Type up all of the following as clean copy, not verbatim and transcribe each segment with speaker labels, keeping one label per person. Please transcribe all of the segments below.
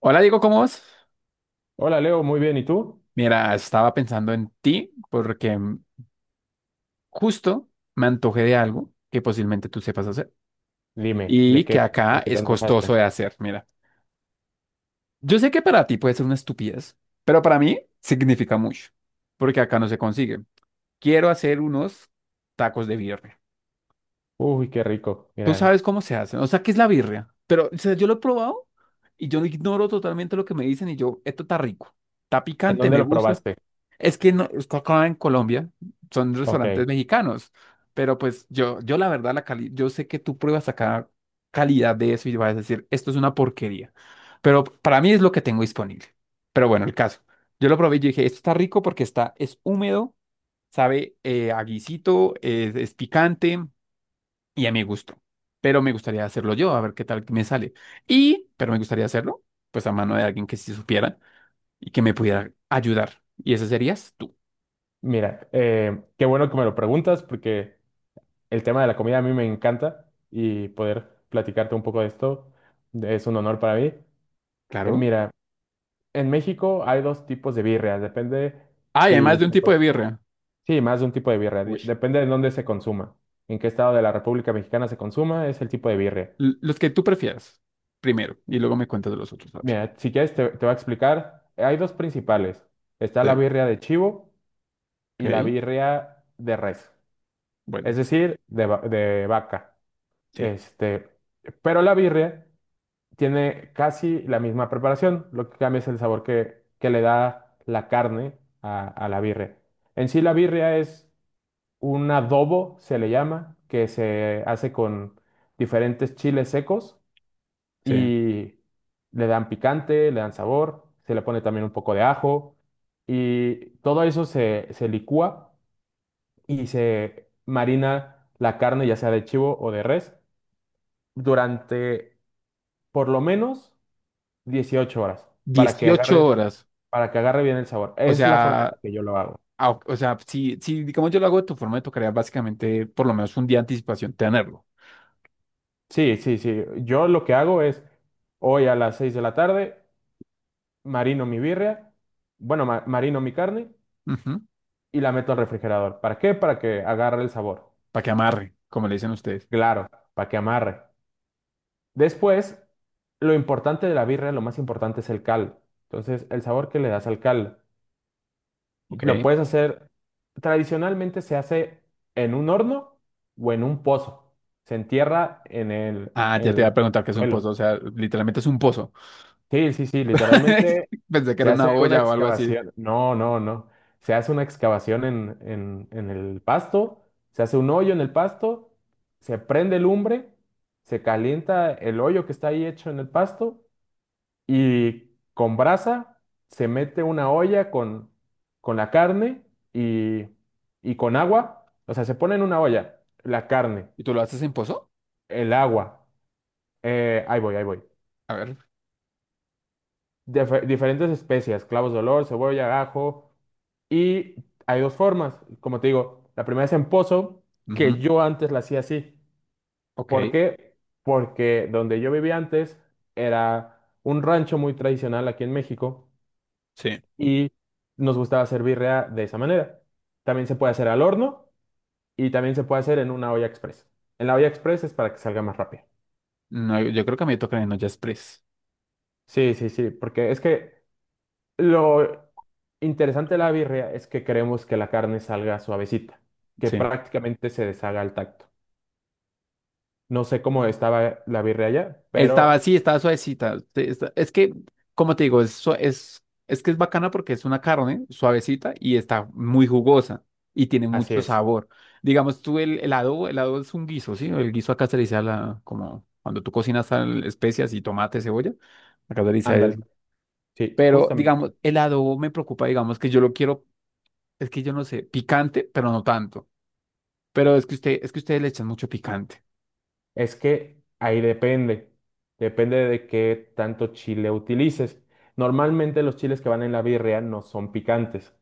Speaker 1: Hola Diego, ¿cómo vas?
Speaker 2: Hola Leo, muy bien. ¿Y tú?
Speaker 1: Mira, estaba pensando en ti porque justo me antojé de algo que posiblemente tú sepas hacer
Speaker 2: Dime,
Speaker 1: y que acá
Speaker 2: de qué te
Speaker 1: es
Speaker 2: antojaste?
Speaker 1: costoso de hacer. Mira, yo sé que para ti puede ser una estupidez, pero para mí significa mucho porque acá no se consigue. Quiero hacer unos tacos de birria.
Speaker 2: Uy, qué rico.
Speaker 1: Tú
Speaker 2: Mira,
Speaker 1: sabes cómo se hacen, o sea, ¿qué es la birria? Pero o sea, yo lo he probado y yo ignoro totalmente lo que me dicen y yo, esto está rico, está
Speaker 2: ¿en
Speaker 1: picante,
Speaker 2: dónde
Speaker 1: me
Speaker 2: lo
Speaker 1: gusta.
Speaker 2: probaste?
Speaker 1: Es que no, es que acá en Colombia son
Speaker 2: Ok,
Speaker 1: restaurantes mexicanos, pero pues yo la verdad, la cali yo sé que tú pruebas acá calidad de eso y vas a decir, esto es una porquería, pero para mí es lo que tengo disponible. Pero bueno, el caso, yo lo probé y yo dije, esto está rico porque está, es húmedo, sabe a guisito, es picante y a mi gusto, pero me gustaría hacerlo yo, a ver qué tal me sale. Pero me gustaría hacerlo, pues a mano de alguien que sí supiera y que me pudiera ayudar. Y ese serías tú,
Speaker 2: mira, qué bueno que me lo preguntas porque el tema de la comida a mí me encanta y poder platicarte un poco de esto es un honor para mí. Eh,
Speaker 1: claro.
Speaker 2: mira, en México hay dos tipos de birria. Depende
Speaker 1: Ah, y además
Speaker 2: si.
Speaker 1: de un tipo de birria.
Speaker 2: Sí, más de un tipo de birria.
Speaker 1: Uy.
Speaker 2: Depende de dónde se consuma. En qué estado de la República Mexicana se consuma es el tipo de birria.
Speaker 1: Los que tú prefieras, primero, y luego me cuentas de los otros, a ver.
Speaker 2: Mira, si quieres te voy a explicar. Hay dos principales. Está la
Speaker 1: Sí.
Speaker 2: birria de chivo
Speaker 1: Ok,
Speaker 2: y la birria de res, es
Speaker 1: bueno,
Speaker 2: decir, de vaca.
Speaker 1: sí,
Speaker 2: Este, pero la birria tiene casi la misma preparación. Lo que cambia es el sabor que le da la carne a la birria. En sí, la birria es un adobo, se le llama, que se hace con diferentes chiles secos
Speaker 1: sí.
Speaker 2: y le dan picante, le dan sabor, se le pone también un poco de ajo y todo eso se licúa y se marina la carne, ya sea de chivo o de res, durante por lo menos 18 horas para que
Speaker 1: Dieciocho
Speaker 2: agarre,
Speaker 1: horas.
Speaker 2: para que agarre bien el sabor.
Speaker 1: O
Speaker 2: Es la forma en la
Speaker 1: sea,
Speaker 2: que yo lo hago.
Speaker 1: o sea, si digamos yo lo hago de tu forma, me tocaría básicamente por lo menos un día de anticipación tenerlo.
Speaker 2: Sí, sí, sí. Yo lo que hago es hoy a las 6 de la tarde marino mi birria, bueno, marino mi carne y la meto al refrigerador. ¿Para qué? Para que agarre el sabor.
Speaker 1: Para que amarre, como le dicen ustedes.
Speaker 2: Claro, para que amarre. Después, lo importante de la birria, lo más importante es el cal. Entonces, el sabor que le das al cal.
Speaker 1: Ok.
Speaker 2: Lo puedes hacer, tradicionalmente se hace en un horno o en un pozo. Se entierra
Speaker 1: Ah,
Speaker 2: en
Speaker 1: ya te iba a
Speaker 2: el
Speaker 1: preguntar qué es un
Speaker 2: suelo.
Speaker 1: pozo. O sea, literalmente es un pozo.
Speaker 2: Sí, sí, sí, literalmente
Speaker 1: Pensé que
Speaker 2: se
Speaker 1: era una
Speaker 2: hace una
Speaker 1: olla o algo así.
Speaker 2: excavación. No, no, no. Se hace una excavación en el pasto, se hace un hoyo en el pasto, se prende lumbre, se calienta el hoyo que está ahí hecho en el pasto y con brasa se mete una olla con la carne y, y con agua. O sea, se pone en una olla la carne,
Speaker 1: ¿Y tú lo haces en pozo?
Speaker 2: el agua. Ahí voy, ahí voy.
Speaker 1: A ver.
Speaker 2: Diferentes especias, clavos de olor, cebolla, ajo y hay dos formas, como te digo, la primera es en pozo, que
Speaker 1: Ujú.
Speaker 2: yo antes la hacía así.
Speaker 1: Ok,
Speaker 2: ¿Por qué? Porque donde yo vivía antes era un rancho muy tradicional aquí en México
Speaker 1: sí.
Speaker 2: y nos gustaba hacer birria de esa manera. También se puede hacer al horno y también se puede hacer en una olla express. En la olla express es para que salga más rápido.
Speaker 1: No, yo creo que a mí me toca en Olla Express.
Speaker 2: Sí, sí, sí, porque es que lo interesante de la birria es que queremos que la carne salga suavecita, que
Speaker 1: Sí.
Speaker 2: prácticamente se deshaga al tacto. No sé cómo estaba la birria allá,
Speaker 1: Estaba
Speaker 2: pero
Speaker 1: así, estaba suavecita. Es que, como te digo, es, es que es bacana porque es una carne suavecita y está muy jugosa y tiene
Speaker 2: así
Speaker 1: mucho
Speaker 2: es.
Speaker 1: sabor. Digamos tú, el adobo, el adobo es un guiso, ¿sí? El guiso acá se le dice a la, como cuando tú cocinas sal, especias y tomate, cebolla. Acá se le dice a
Speaker 2: Ándale.
Speaker 1: eso.
Speaker 2: Sí,
Speaker 1: Pero,
Speaker 2: justamente.
Speaker 1: digamos, el adobo me preocupa, digamos, que yo lo quiero, es que yo no sé, picante, pero no tanto. Pero es que usted, es que ustedes le echan mucho picante.
Speaker 2: Es que ahí depende. Depende de qué tanto chile utilices. Normalmente los chiles que van en la birria no son picantes.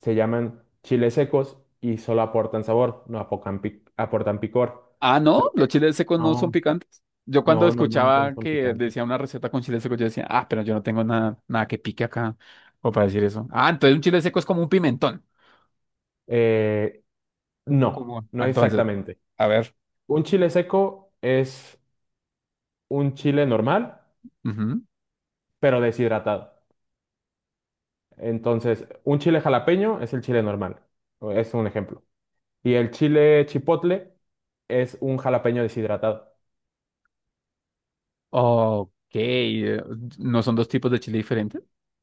Speaker 2: Se llaman chiles secos y solo aportan sabor, no apocan aportan picor.
Speaker 1: Ah, ¿no?
Speaker 2: Lo
Speaker 1: ¿Los
Speaker 2: que
Speaker 1: chiles secos no son
Speaker 2: no,
Speaker 1: picantes? Yo cuando
Speaker 2: no, normalmente no
Speaker 1: escuchaba
Speaker 2: son
Speaker 1: que
Speaker 2: picantes.
Speaker 1: decía una receta con chiles secos, yo decía, ah, pero yo no tengo nada, nada que pique acá, o para decir eso. Ah, entonces un chile seco es como un pimentón.
Speaker 2: Eh,
Speaker 1: O
Speaker 2: no,
Speaker 1: como…
Speaker 2: no
Speaker 1: Entonces,
Speaker 2: exactamente.
Speaker 1: a ver.
Speaker 2: Un chile seco es un chile normal,
Speaker 1: Ujú.
Speaker 2: pero deshidratado. Entonces, un chile jalapeño es el chile normal, es un ejemplo. Y el chile chipotle es un jalapeño deshidratado.
Speaker 1: Ok, eh, ¿no son dos tipos de chile diferentes?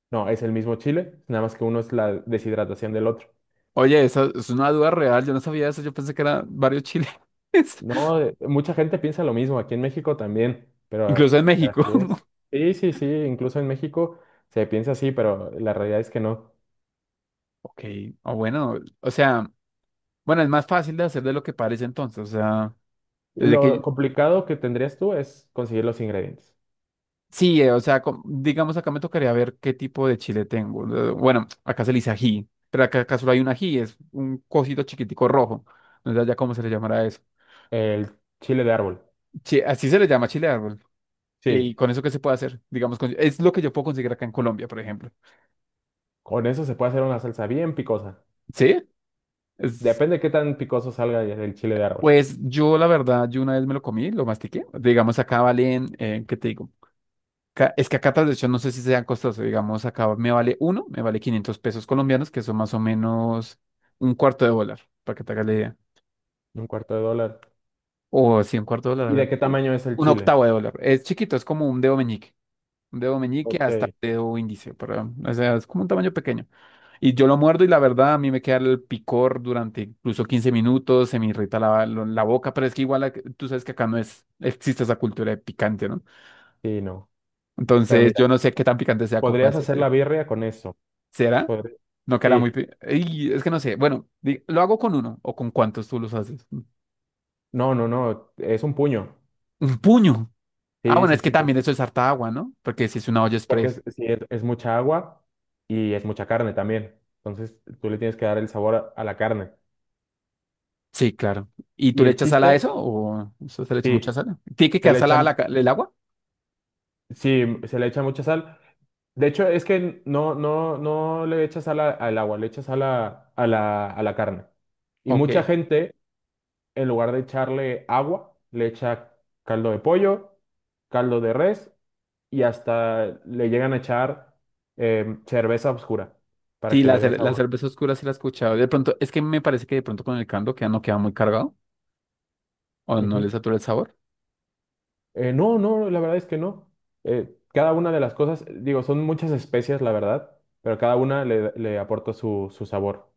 Speaker 2: No, es el mismo chile, nada más que uno es la deshidratación del otro.
Speaker 1: Oye, esa es una duda real, yo no sabía eso, yo pensé que eran varios chiles,
Speaker 2: No, mucha gente piensa lo mismo, aquí en México también,
Speaker 1: incluso
Speaker 2: pero
Speaker 1: en
Speaker 2: pero
Speaker 1: México.
Speaker 2: así es. Sí, sí, sí, incluso en México se piensa así, pero la realidad es que no.
Speaker 1: Ok, o bueno, o sea, bueno, es más fácil de hacer de lo que parece entonces, o sea, desde que…
Speaker 2: Lo complicado que tendrías tú es conseguir los ingredientes.
Speaker 1: Sí, o sea, digamos acá me tocaría ver qué tipo de chile tengo. Bueno, acá se le dice ají, pero acá solo hay un ají, es un cosito chiquitico rojo. No sé ya cómo se le llamará eso.
Speaker 2: El chile de árbol,
Speaker 1: Así se le llama chile de árbol. ¿Y
Speaker 2: sí,
Speaker 1: con eso qué se puede hacer? Digamos, es lo que yo puedo conseguir acá en Colombia, por ejemplo.
Speaker 2: con eso se puede hacer una salsa bien picosa.
Speaker 1: ¿Sí? Es-
Speaker 2: Depende de qué tan picoso salga el chile de árbol.
Speaker 1: pues yo, la verdad, yo una vez me lo comí, lo mastiqué. Digamos, acá valen, ¿qué te digo? Es que acá hecho no sé si sean costosos, digamos, acá me vale uno, me vale 500 pesos colombianos, que son más o menos un cuarto de dólar, para que te hagas la idea.
Speaker 2: Un cuarto de dólar.
Speaker 1: O sí, un cuarto de dólar, a
Speaker 2: ¿Y de
Speaker 1: ver,
Speaker 2: qué tamaño es el
Speaker 1: un
Speaker 2: chile?
Speaker 1: octavo de dólar. Es chiquito, es como un dedo meñique hasta
Speaker 2: Ok.
Speaker 1: un dedo índice, pero, o sea, es como un tamaño pequeño. Y yo lo muerdo y la verdad a mí me queda el picor durante incluso 15 minutos, se me irrita la boca, pero es que igual tú sabes que acá no es, existe esa cultura de picante, ¿no?
Speaker 2: Sí, no. Pero
Speaker 1: Entonces yo
Speaker 2: mira,
Speaker 1: no sé qué tan picante sea como
Speaker 2: podrías hacer la birria con eso.
Speaker 1: ¿Será?
Speaker 2: Podr-
Speaker 1: No quedará muy…
Speaker 2: Sí.
Speaker 1: Ey, es que no sé. Bueno, lo hago con uno. ¿O con cuántos tú los haces?
Speaker 2: No, no, no. Es un puño.
Speaker 1: Un puño. Ah,
Speaker 2: Sí,
Speaker 1: bueno,
Speaker 2: sí,
Speaker 1: es que
Speaker 2: sí.
Speaker 1: también eso es harta agua, ¿no? Porque si es una olla
Speaker 2: Porque
Speaker 1: express.
Speaker 2: es, sí, es mucha agua y es mucha carne también. Entonces tú le tienes que dar el sabor a la carne.
Speaker 1: Sí, claro. ¿Y tú
Speaker 2: Y
Speaker 1: le
Speaker 2: el
Speaker 1: echas sal a
Speaker 2: chiste,
Speaker 1: eso o eso se le echa mucha
Speaker 2: sí.
Speaker 1: sal? ¿Tiene que
Speaker 2: Se
Speaker 1: quedar
Speaker 2: le
Speaker 1: salada
Speaker 2: echa.
Speaker 1: el agua?
Speaker 2: Sí, se le echa mucha sal. De hecho, es que no, no, no le echa sal al agua, le echa sal a la carne. Y
Speaker 1: Ok.
Speaker 2: mucha gente, en lugar de echarle agua, le echa caldo de pollo, caldo de res y hasta le llegan a echar cerveza oscura para
Speaker 1: Sí,
Speaker 2: que
Speaker 1: la,
Speaker 2: le dé
Speaker 1: cer- la
Speaker 2: sabor.
Speaker 1: cerveza oscura sí la he escuchado. De pronto, es que me parece que de pronto con el caldo queda, no queda muy cargado o no le
Speaker 2: Ujú.
Speaker 1: satura el sabor.
Speaker 2: No, no, la verdad es que no. Cada una de las cosas, digo, son muchas especias, la verdad, pero cada una le aporta su sabor.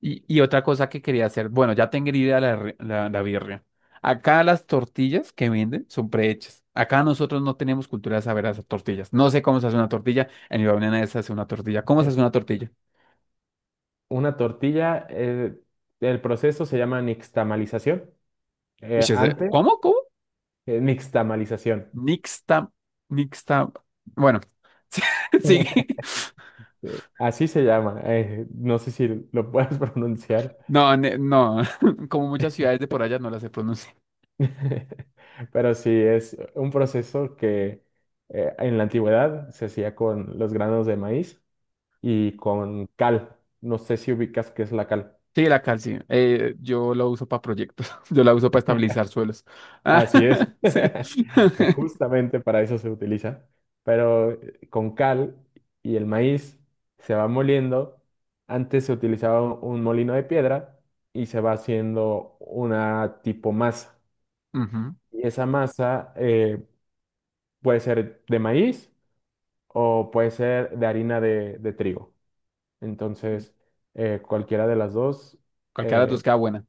Speaker 1: Y otra cosa que quería hacer, bueno, ya tengo idea la birria. Acá las tortillas que venden son prehechas. Acá nosotros no tenemos cultura de saber hacer tortillas. No sé cómo se hace una tortilla. En mi familia se hace una tortilla. ¿Cómo se hace una tortilla?
Speaker 2: Una tortilla, el proceso se llama nixtamalización.
Speaker 1: Uy,
Speaker 2: Eh, antes,
Speaker 1: ¿Cómo? ¿Cómo?
Speaker 2: eh, nixtamalización.
Speaker 1: Nixta, nixta. Bueno, sí, sigue.
Speaker 2: Así se llama. No sé si lo puedes pronunciar,
Speaker 1: No, no. Como muchas ciudades de por allá no las se pronuncia.
Speaker 2: pero sí, es un proceso que en la antigüedad se hacía con los granos de maíz y con cal. No sé si ubicas qué es la cal.
Speaker 1: Sí, la cal, sí. Yo lo uso para proyectos. Yo la uso para estabilizar suelos. Ah,
Speaker 2: Así es.
Speaker 1: sí.
Speaker 2: Es justamente para eso se utiliza. Pero con cal y el maíz se va moliendo. Antes se utilizaba un molino de piedra y se va haciendo una tipo masa.
Speaker 1: Ujú.
Speaker 2: Y esa masa puede ser de maíz o puede ser de harina de trigo. Entonces, cualquiera de las dos.
Speaker 1: Cualquiera de
Speaker 2: eh,
Speaker 1: tus queda buena.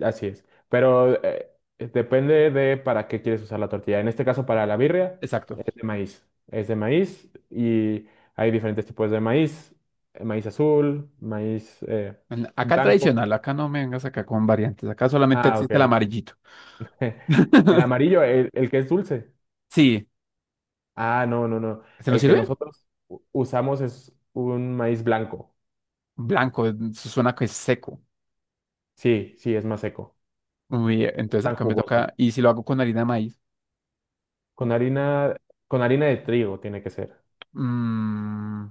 Speaker 2: Así es. Pero depende de para qué quieres usar la tortilla. En este caso, para la birria,
Speaker 1: Exacto.
Speaker 2: es de maíz. Es de maíz y hay diferentes tipos de maíz. Maíz azul, maíz
Speaker 1: Acá el
Speaker 2: blanco.
Speaker 1: tradicional, acá no me vengas acá con variantes. Acá solamente
Speaker 2: Ah, ok.
Speaker 1: existe el amarillito.
Speaker 2: El amarillo, el que es dulce.
Speaker 1: Sí,
Speaker 2: Ah, no, no, no.
Speaker 1: ¿se nos
Speaker 2: El que
Speaker 1: sirve?
Speaker 2: nosotros usamos es un maíz blanco.
Speaker 1: Blanco, eso suena que es seco.
Speaker 2: Sí, sí, es más seco.
Speaker 1: Muy bien,
Speaker 2: Es
Speaker 1: entonces
Speaker 2: tan
Speaker 1: acá me
Speaker 2: jugoso.
Speaker 1: toca. ¿Y si lo hago con harina de maíz?
Speaker 2: Con harina, con harina de trigo tiene que ser.
Speaker 1: Mm,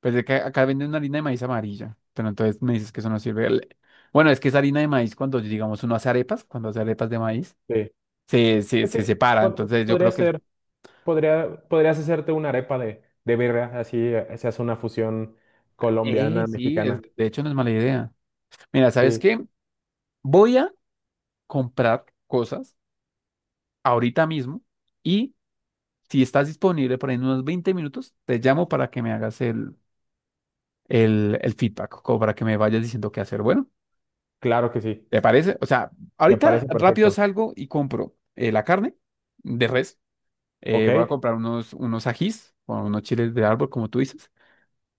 Speaker 1: pues es que acá venden una harina de maíz amarilla. Pero entonces me dices que eso no sirve. Bueno, es que esa harina de maíz, cuando digamos uno hace arepas, cuando hace arepas de maíz,
Speaker 2: Sí.
Speaker 1: se, se,
Speaker 2: Pues sí,
Speaker 1: se separa. Entonces yo
Speaker 2: podría
Speaker 1: creo que.
Speaker 2: ser. Podrías hacerte una arepa de birria, así se hace una fusión colombiana,
Speaker 1: Sí,
Speaker 2: mexicana.
Speaker 1: de hecho no es mala idea. Mira, ¿sabes
Speaker 2: Sí,
Speaker 1: qué? Voy a comprar cosas ahorita mismo y si estás disponible por ahí en unos 20 minutos, te llamo para que me hagas el feedback, como para que me vayas diciendo qué hacer. Bueno,
Speaker 2: claro que sí.
Speaker 1: ¿te parece? O sea,
Speaker 2: Me
Speaker 1: ahorita
Speaker 2: parece
Speaker 1: rápido
Speaker 2: perfecto.
Speaker 1: salgo y compro la carne de res, voy a
Speaker 2: Ok,
Speaker 1: comprar unos ajís, o unos chiles de árbol, como tú dices,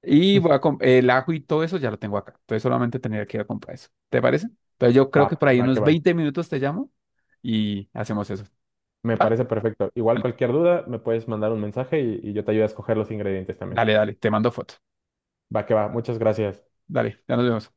Speaker 1: y voy a el ajo y todo eso ya lo tengo acá, entonces solamente tendría que ir a comprar eso. ¿Te parece? Entonces yo creo
Speaker 2: va,
Speaker 1: que por ahí
Speaker 2: va que
Speaker 1: unos
Speaker 2: va.
Speaker 1: 20 minutos te llamo y hacemos eso.
Speaker 2: Me
Speaker 1: ¿Va?
Speaker 2: parece perfecto. Igual cualquier duda, me puedes mandar un mensaje y yo te ayudo a escoger los ingredientes también.
Speaker 1: Dale, dale, te mando fotos.
Speaker 2: Va que va. Muchas gracias.
Speaker 1: Dale, ya nos vemos.